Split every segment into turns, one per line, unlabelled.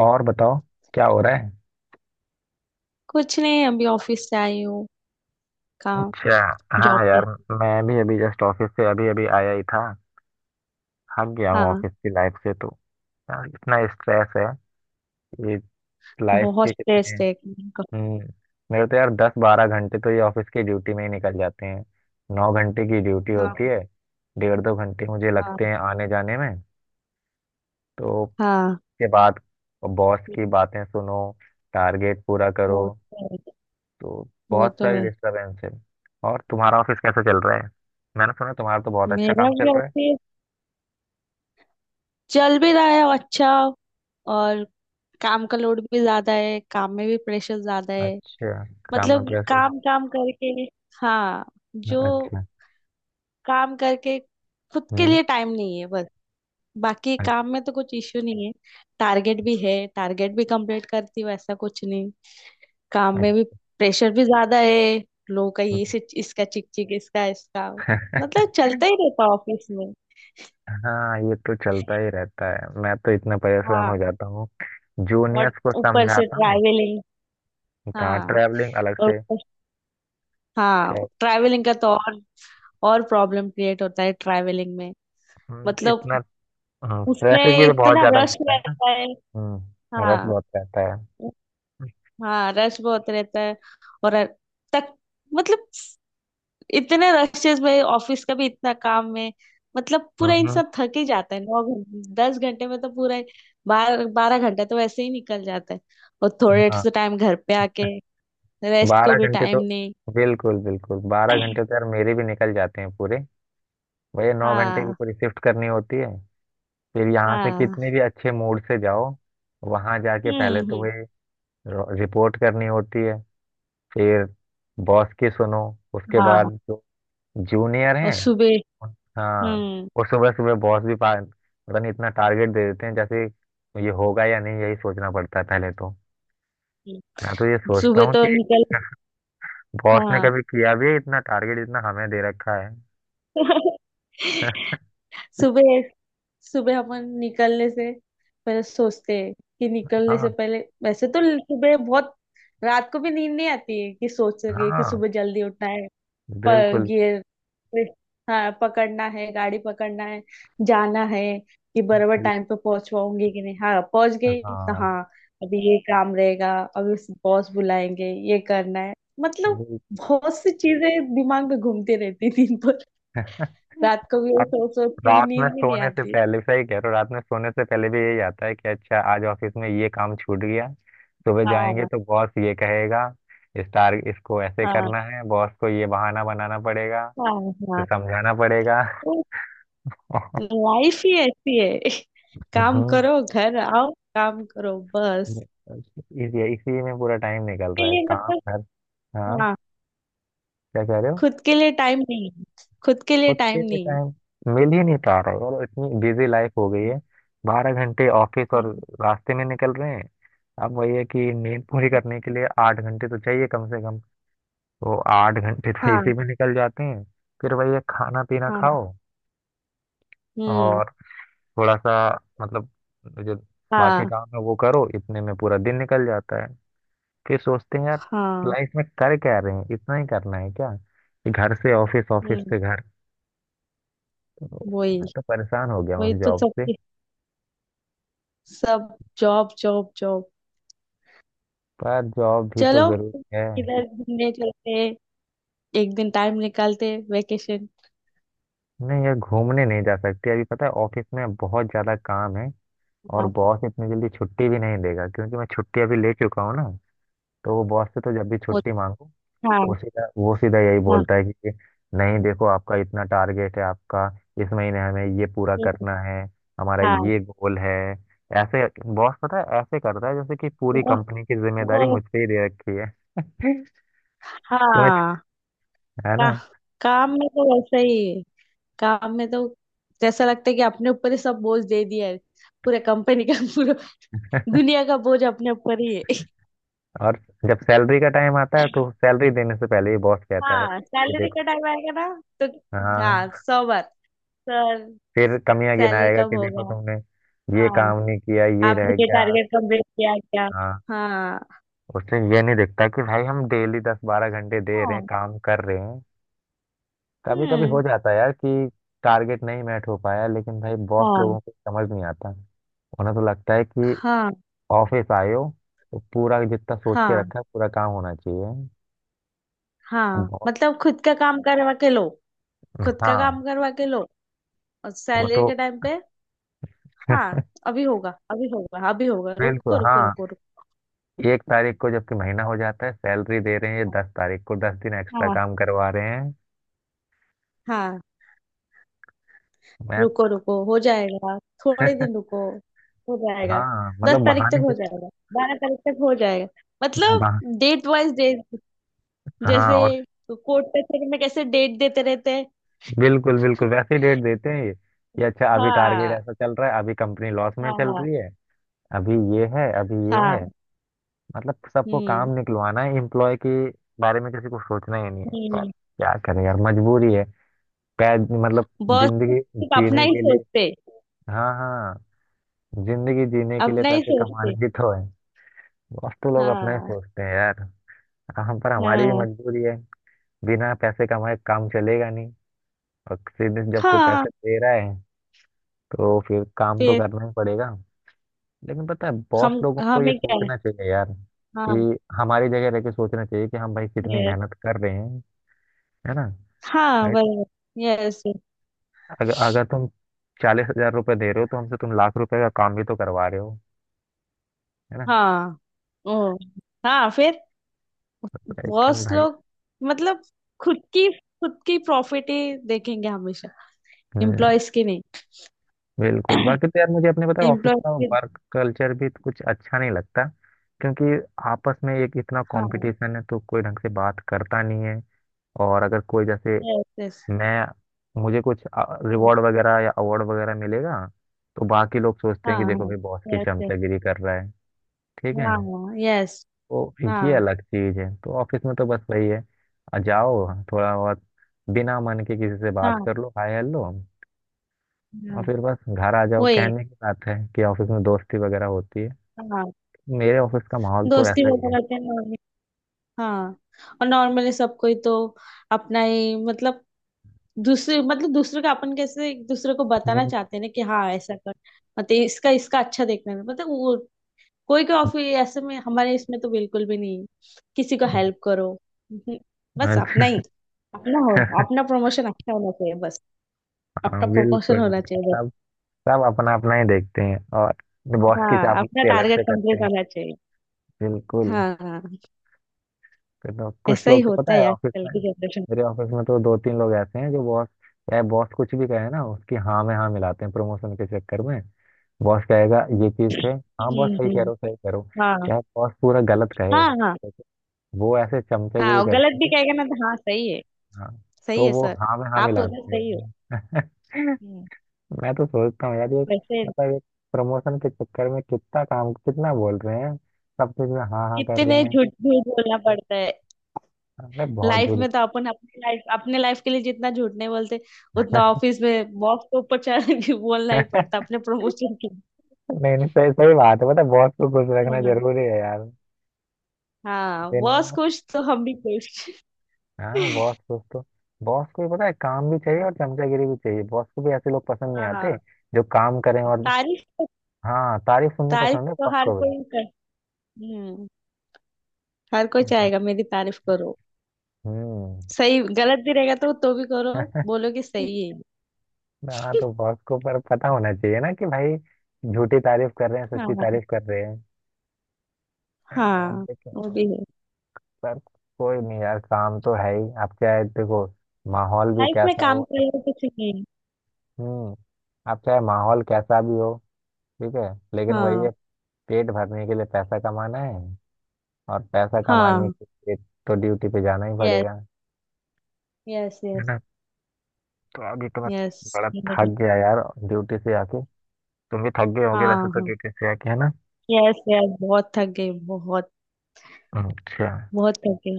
और बताओ, क्या हो रहा है।
कुछ नहीं, अभी ऑफिस से आई हूँ। काम।
अच्छा।
जॉब
हाँ
पे।
यार। मैं भी अभी जस्ट ऑफिस से अभी अभी आया ही था। थक गया हूँ
हाँ।
ऑफिस की लाइफ से तो। यार इतना स्ट्रेस है। ये लाइफ
बहुत
के कितने।
स्ट्रेस है काम का।
हम्म। मेरे तो यार 10-12 घंटे तो ये ऑफिस की ड्यूटी में ही निकल जाते हैं। 9 घंटे की ड्यूटी होती
हाँ।
है। 1.5-2 घंटे मुझे
हाँ।
लगते हैं आने जाने में। तो उसके
हाँ।
बाद बॉस की बातें सुनो, टारगेट पूरा करो,
वो तो है।
तो
वो
बहुत
तो
सारी
है।
डिस्टरबेंस है। और तुम्हारा ऑफिस कैसे चल रहा है। मैंने सुना तुम्हारा तो बहुत अच्छा
मेरा
काम
भी
चल रहा
ऑफिस चल भी रहा है अच्छा, और काम का लोड भी ज्यादा है, काम में भी प्रेशर ज्यादा
है।
है।
अच्छा। काम में
मतलब
प्रेशर।
काम काम करके। हाँ। जो
अच्छा।
काम करके खुद के
हम्म।
लिए टाइम नहीं है बस। बाकी काम में तो कुछ इश्यू नहीं है। टारगेट भी है, टारगेट भी कंप्लीट करती हूँ, ऐसा कुछ नहीं। काम में
अच्छा।
भी प्रेशर भी ज्यादा है। लोगों का ये
अच्छा।
से इसका चिक चिक इसका इसका, मतलब चलता ही रहता ऑफिस में।
हाँ ये तो चलता ही रहता है। मैं तो इतना परेशान हो
हाँ।
जाता हूँ,
और
जूनियर्स को
ऊपर से
समझाता हूँ।
ट्रैवलिंग।
कहाँ
हाँ।
ट्रैवलिंग अलग
और
से।
ऊपर- हाँ।
tra-
ट्रैवलिंग का तो और प्रॉब्लम क्रिएट होता है ट्रैवलिंग में।
तो
मतलब
इतना ट्रैफिक भी
उसमें
तो बहुत
इतना
ज्यादा
रश
मिलता है ना।
रहता है।
हम्म, रश
हाँ।
बहुत रहता है।
हाँ रश बहुत रहता है। और तक मतलब, इतने रशेस में ऑफिस का भी इतना काम में, मतलब पूरा
हम्म।
इंसान थक ही जाता है, 9 घंटे 10 घंटे में तो पूरा, 12-12 घंटा तो वैसे ही निकल जाता है। और थोड़े
हाँ।
से टाइम घर पे आके रेस्ट को
बारह
भी
घंटे
टाइम
तो
नहीं।
बिल्कुल बिल्कुल 12 घंटे तो यार मेरे भी निकल जाते हैं पूरे। भैया 9 घंटे की
हाँ।
पूरी शिफ्ट करनी होती है। फिर यहाँ से
हाँ।
कितने भी अच्छे मूड से जाओ, वहाँ जाके
हम्म।
पहले तो
हम्म।
वही रिपोर्ट करनी होती है। फिर बॉस की सुनो, उसके
हाँ।
बाद जो जूनियर
और
हैं।
सुबह।
हाँ।
हम्म।
और सुबह सुबह बॉस भी पा पता नहीं इतना टारगेट दे देते हैं जैसे। ये होगा या नहीं यही सोचना पड़ता है पहले तो।
हम्म।
मैं तो ये सोचता
सुबह
हूँ
तो
कि
निकल।
बॉस ने
हाँ।
कभी किया भी है इतना टारगेट इतना हमें दे रखा है।
सुबह सुबह अपन निकलने से पहले सोचते हैं कि निकलने से
हाँ।
पहले, वैसे तो सुबह बहुत, रात को भी नींद नहीं आती है कि सोच रही है कि
हाँ।
सुबह जल्दी उठना है। पर
बिल्कुल
ये, हाँ, पकड़ना है, गाड़ी पकड़ना है, जाना है, कि बराबर
बिल्कुल।
टाइम पे पहुंच पाऊंगी कि नहीं। हाँ पहुंच गई तो
हाँ।
हाँ। अभी ये काम रहेगा, अभी बॉस बुलाएंगे ये करना है, मतलब
वही।
बहुत सी चीजें दिमाग में घूमती रहती दिन भर। रात को भी यही
अब
सोच सोच के भी
रात में
नींद भी नहीं
सोने से
आती।
पहले सही कह रहे हो। रात में सोने से पहले भी यही आता है कि अच्छा आज ऑफिस में ये काम छूट गया। सुबह जाएंगे
हाँ।
तो बॉस ये कहेगा स्टार इसको ऐसे
हाँ।
करना है, बॉस को ये बहाना बनाना पड़ेगा,
हाँ।
तो
हाँ।
समझाना पड़ेगा।
तो लाइफ ही ऐसी है। काम
हम्म।
करो घर आओ, काम करो बस।
इस इसी में पूरा टाइम निकल
के
रहा है
लिए
काम
मतलब।
घर। हाँ।
हाँ,
क्या कह रहे हो।
खुद के लिए टाइम नहीं, खुद के लिए
खुद के
टाइम
लिए
नहीं।
टाइम मिल ही नहीं पा रहा है और इतनी बिजी लाइफ हो गई
हम्म।
है। 12 घंटे ऑफिस और
हम्म।
रास्ते में निकल रहे हैं। अब वही है कि नींद पूरी करने के लिए 8 घंटे तो चाहिए कम से कम। तो 8 घंटे तो
हाँ।
इसी में निकल जाते हैं। फिर वही है, खाना पीना
हाँ।
खाओ
हम्म।
और थोड़ा सा मतलब जो बाकी
हाँ।
काम है वो करो, इतने में पूरा दिन निकल जाता है। फिर सोचते हैं यार
हाँ।
लाइफ में कर क्या रहे हैं, इतना ही करना है क्या कि घर से ऑफिस, ऑफिस
हम्म।
से घर।
वही,
मैं तो परेशान हो गया
वही
हूँ इस
तो
जॉब से।
सबके। सब जॉब जॉब जॉब।
पर जॉब भी
चलो,
तो जरूरी है।
इधर घूमने चलते हैं, एक दिन टाइम निकालते वेकेशन।
नहीं यार, घूमने नहीं जा सकते अभी, पता है ऑफिस में बहुत ज्यादा काम है। और
हाँ।
बॉस इतनी जल्दी छुट्टी भी नहीं देगा क्योंकि मैं छुट्टी अभी ले चुका हूँ ना। तो वो बॉस से तो जब भी
वो-
छुट्टी मांगो
हाँ।
वो सीधा यही
हाँ।
बोलता है कि नहीं देखो, आपका इतना टारगेट है। आपका इस महीने हमें ये पूरा
हम्म।
करना है, हमारा
हाँ।
ये गोल है। ऐसे बॉस पता है ऐसे करता है जैसे कि पूरी
वो-
कंपनी की
वो।
जिम्मेदारी मुझ पे ही दे रखी है। तुम्हें,
हाँ।
है
का,
ना।
काम में तो वैसा ही है। काम में तो जैसा लगता है कि अपने ऊपर ही सब बोझ दे दिया है, पूरे कंपनी का, पूरा दुनिया का बोझ अपने ऊपर ही है।
और जब सैलरी का टाइम आता है तो सैलरी देने से पहले ही बॉस कहता है
हाँ,
कि
सैलरी का
देखो।
टाइम आएगा ना, तो हाँ
हाँ,
100 बार, सर
फिर कमियां
सैलरी
गिनाएगा
कब
कि देखो
होगा।
तुमने ये
हाँ,
काम नहीं किया, ये
आपने
रह
ये
गया।
टारगेट कंप्लीट किया क्या।
हाँ।
हाँ।
उससे ये नहीं दिखता कि भाई हम डेली 10-12 घंटे दे रहे हैं
हाँ।
काम कर रहे हैं। कभी कभी हो
हम्म।
जाता है यार कि टारगेट नहीं मैट हो पाया, लेकिन भाई बॉस
हाँ।
लोगों को समझ नहीं आता। उन्हें तो लगता है कि
हाँ।
ऑफिस आए हो तो पूरा जितना सोच के
हाँ।
रखा है पूरा काम होना चाहिए।
हाँ,
बॉस।
मतलब खुद का काम करवा के लो, खुद का
हाँ।
काम करवा के लो। और
वो
सैलरी
तो
के टाइम पे, हाँ अभी होगा, अभी होगा, अभी होगा,
बिल्कुल।
रुको
हाँ।
रुको रुको रुको।
1 तारीख को जबकि महीना हो जाता है सैलरी दे रहे हैं ये 10 तारीख को, 10 दिन एक्स्ट्रा
हाँ।
काम करवा रहे हैं।
हाँ,
मैं।
रुको रुको, हो जाएगा, थोड़े दिन रुको हो जाएगा,
हाँ
दस
मतलब
तारीख तक
बहाने
हो
से।
जाएगा, 12 तारीख तक हो जाएगा। मतलब
बहा,
डेट वाइज डेट,
हाँ
जैसे
और।
कोर्ट कचहरी में कैसे डेट देते रहते हैं।
बिल्कुल बिल्कुल वैसे ही डेट देते हैं ये कि अच्छा अभी टारगेट
हाँ।
ऐसा चल रहा है, अभी कंपनी लॉस में चल
हाँ।
रही है। अभी ये है, अभी ये है।
हाँ।
मतलब सबको
हम्म।
काम निकलवाना है, एम्प्लॉय के बारे में किसी को सोचना ही नहीं है। पर
हम्म।
क्या करें यार, मजबूरी है। पैद मतलब
बॉस
जिंदगी
सिर्फ अपना
जीने
ही
के लिए।
सोचते,
हाँ हाँ। जिंदगी जीने के लिए
अपना ही
पैसे
सोचते।
कमाने भी तो है। बॉस तो लोग अपना ही
हाँ।
सोचते हैं यार। हम पर हमारी भी
हाँ।
मजबूरी है। बिना पैसे कमाए काम चलेगा नहीं। और सीधे जब कोई
हाँ,
पैसे दे रहा है तो फिर काम तो
फिर
करना ही पड़ेगा। लेकिन पता है
हम
बॉस लोगों को ये
हमें क्या है।
सोचना चाहिए यार
हाँ,
कि हमारी जगह रह के सोचना चाहिए कि हम भाई कितनी मेहनत कर रहे हैं। है ना।
हाँ,
भाई तो
बराबर। यस।
अगर अगर तुम 40,000 रुपये दे रहे हो तो हमसे तुम लाख रुपए का काम भी तो करवा रहे हो। है ना।
हाँ। ओ। हाँ, फिर
लेकिन
बॉस
भाई।
लोग मतलब खुद की प्रॉफिट ही देखेंगे हमेशा,
हम्म।
एम्प्लॉयज की नहीं।
बिल्कुल। बाकी तो यार मुझे अपने पता है ऑफिस
एम्प्लॉयज
का
की।
वर्क कल्चर भी तो कुछ अच्छा नहीं लगता, क्योंकि आपस में एक इतना
हाँ।
कंपटीशन है तो कोई ढंग से बात करता नहीं है। और अगर कोई जैसे
यस। यस।
मैं मुझे कुछ रिवॉर्ड वगैरह या अवार्ड वगैरह मिलेगा तो बाकी लोग सोचते हैं
हाँ।
कि
हाँ।
देखो भाई बॉस की
यस। यस।
चमचागिरी कर रहा है। ठीक है।
हाँ। यस।
तो ये
हाँ।
अलग चीज है, तो ऑफिस में तो बस वही है। आ, जाओ थोड़ा बहुत, बिना मन के किसी से बात
हाँ।
कर लो, हाय हेलो, और
हाँ।
फिर बस घर आ जाओ।
वही।
कहने की बात है कि ऑफिस में दोस्ती वगैरह होती है।
हाँ,
मेरे ऑफिस का माहौल तो
दोस्ती
ऐसा ही है।
वगैरह के हाँ, और नॉर्मली सबको ही तो अपना ही, मतलब दूसरे, मतलब दूसरे का, अपन कैसे एक दूसरे को बताना
हम्म।
चाहते हैं ना कि हाँ ऐसा कर, मतलब इसका इसका अच्छा देखने में, मतलब वो। कोई कोई ऑफिस ऐसे में, हमारे इसमें तो बिल्कुल भी नहीं है। किसी को हेल्प करो। हम्म। बस अपना ही,
अच्छा।
अपना हो, अपना प्रमोशन अच्छा होना चाहिए बस,
हाँ
अपना प्रमोशन
बिल्कुल।
होना चाहिए बस।
सब सब अपना अपना ही देखते हैं और बॉस की
हाँ, अपना
चापलूसी अलग
टारगेट
से करते
कंप्लीट
हैं।
होना चाहिए।
बिल्कुल।
हाँ। हाँ।
फिर तो कुछ
ऐसा ही
लोग तो पता
होता है
है ऑफिस
आजकल
में,
की जनरेशन।
मेरे ऑफिस में तो दो तीन लोग ऐसे हैं जो बॉस, चाहे बॉस कुछ भी कहे ना उसकी हाँ में हाँ मिलाते हैं प्रमोशन के चक्कर में। बॉस कहेगा ये चीज थे। हाँ बॉस
हम्म।
सही कह रहे
हम्म।
हो, सही कह रहे हो।
हाँ।
चाहे बॉस पूरा गलत कहे,
हाँ। हाँ।
वो ऐसे
हाँ,
चमचागिरी
और गलत
करते
भी
हैं।
कहेगा ना, तो हाँ सही है,
हाँ,
सही
तो
है
वो
सर,
हाँ में हाँ
आप उधर
मिलाते
सही हो।
हैं।
हम्म।
मैं तो सोचता हूँ यार ये
वैसे
मतलब एक, प्रमोशन के चक्कर में कितना काम कितना बोल रहे हैं, सब चीज में हाँ हाँ कर रहे
कितने
हैं।
झूठ झूठ बोलना पड़ता है।
अरे बहुत
लाइफ
जुड़ी।
में तो अपन अपने लाइफ के लिए जितना झूठ नहीं बोलते, उतना ऑफिस में बॉस के ऊपर चढ़ के बोलना ही पड़ता अपने प्रमोशन के लिए।
नहीं नहीं, सही सही बात है। पता है बॉस को खुश रखना
हाँ।
जरूरी है यार।
हाँ,
दिन
बॉस
में।
खुश तो हम भी खुश।
हाँ बॉस खुश तो। बॉस को भी पता है काम भी चाहिए और चमचागिरी भी चाहिए। बॉस को भी ऐसे लोग पसंद नहीं आते
हाँ,
जो काम करें और।
तारीफ,
हाँ तारीफ सुननी
तारीफ
पसंद है
तो
बॉस
हर
को भी।
कोई कर। हम्म। हर कोई चाहेगा मेरी तारीफ करो।
हम्म।
सही गलत भी रहेगा तो भी करो, बोलो कि सही है।
हाँ, तो बॉस को पर पता होना चाहिए ना कि भाई झूठी तारीफ कर रहे हैं सच्ची
हाँ।
तारीफ कर रहे हैं। और
हाँ, वो
देखो।
भी है।
पर कोई नहीं यार, काम तो है ही, आप चाहे देखो माहौल भी
लाइफ में
कैसा हो।
काम करना कुछ नहीं है।
हम्म। आप चाहे माहौल कैसा भी हो, ठीक है, लेकिन वही
हाँ।
है पेट भरने के लिए पैसा कमाना है। और पैसा कमाने
हाँ।
के लिए तो ड्यूटी पे जाना ही
यस।
पड़ेगा।
यस।
है
यस।
ना। तो अभी तो मैं
यस।
बड़ा थक गया यार ड्यूटी से आके। तुम भी थक गए होगे वैसे
हाँ।
तो
हाँ।
ड्यूटी से आके, है ना।
यस। यस। बहुत थक गई, बहुत
अच्छा।
बहुत थक गई।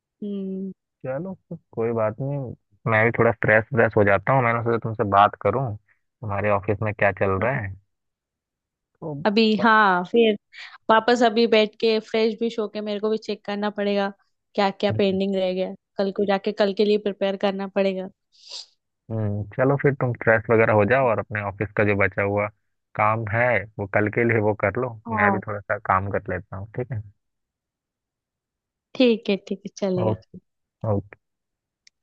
हम्म।
चलो फिर कोई बात नहीं। मैं भी थोड़ा स्ट्रेस व्रेस हो जाता हूँ, मैंने सोचा तुमसे बात करूँ तुम्हारे ऑफिस में क्या चल रहा है। तो।
अभी
ब-
हाँ, फिर वापस अभी बैठ के फ्रेश भी होके मेरे को भी चेक करना पड़ेगा, क्या क्या पेंडिंग रह गया, कल को जाके कल के लिए प्रिपेयर करना पड़ेगा।
चलो फिर तुम फ्रेश वगैरह हो जाओ और अपने ऑफिस का जो बचा हुआ काम है वो कल के लिए वो कर लो। मैं भी
हाँ,
थोड़ा सा काम कर लेता हूँ, ठीक है।
ठीक है, ठीक है चलेगा।
ओ- ओके।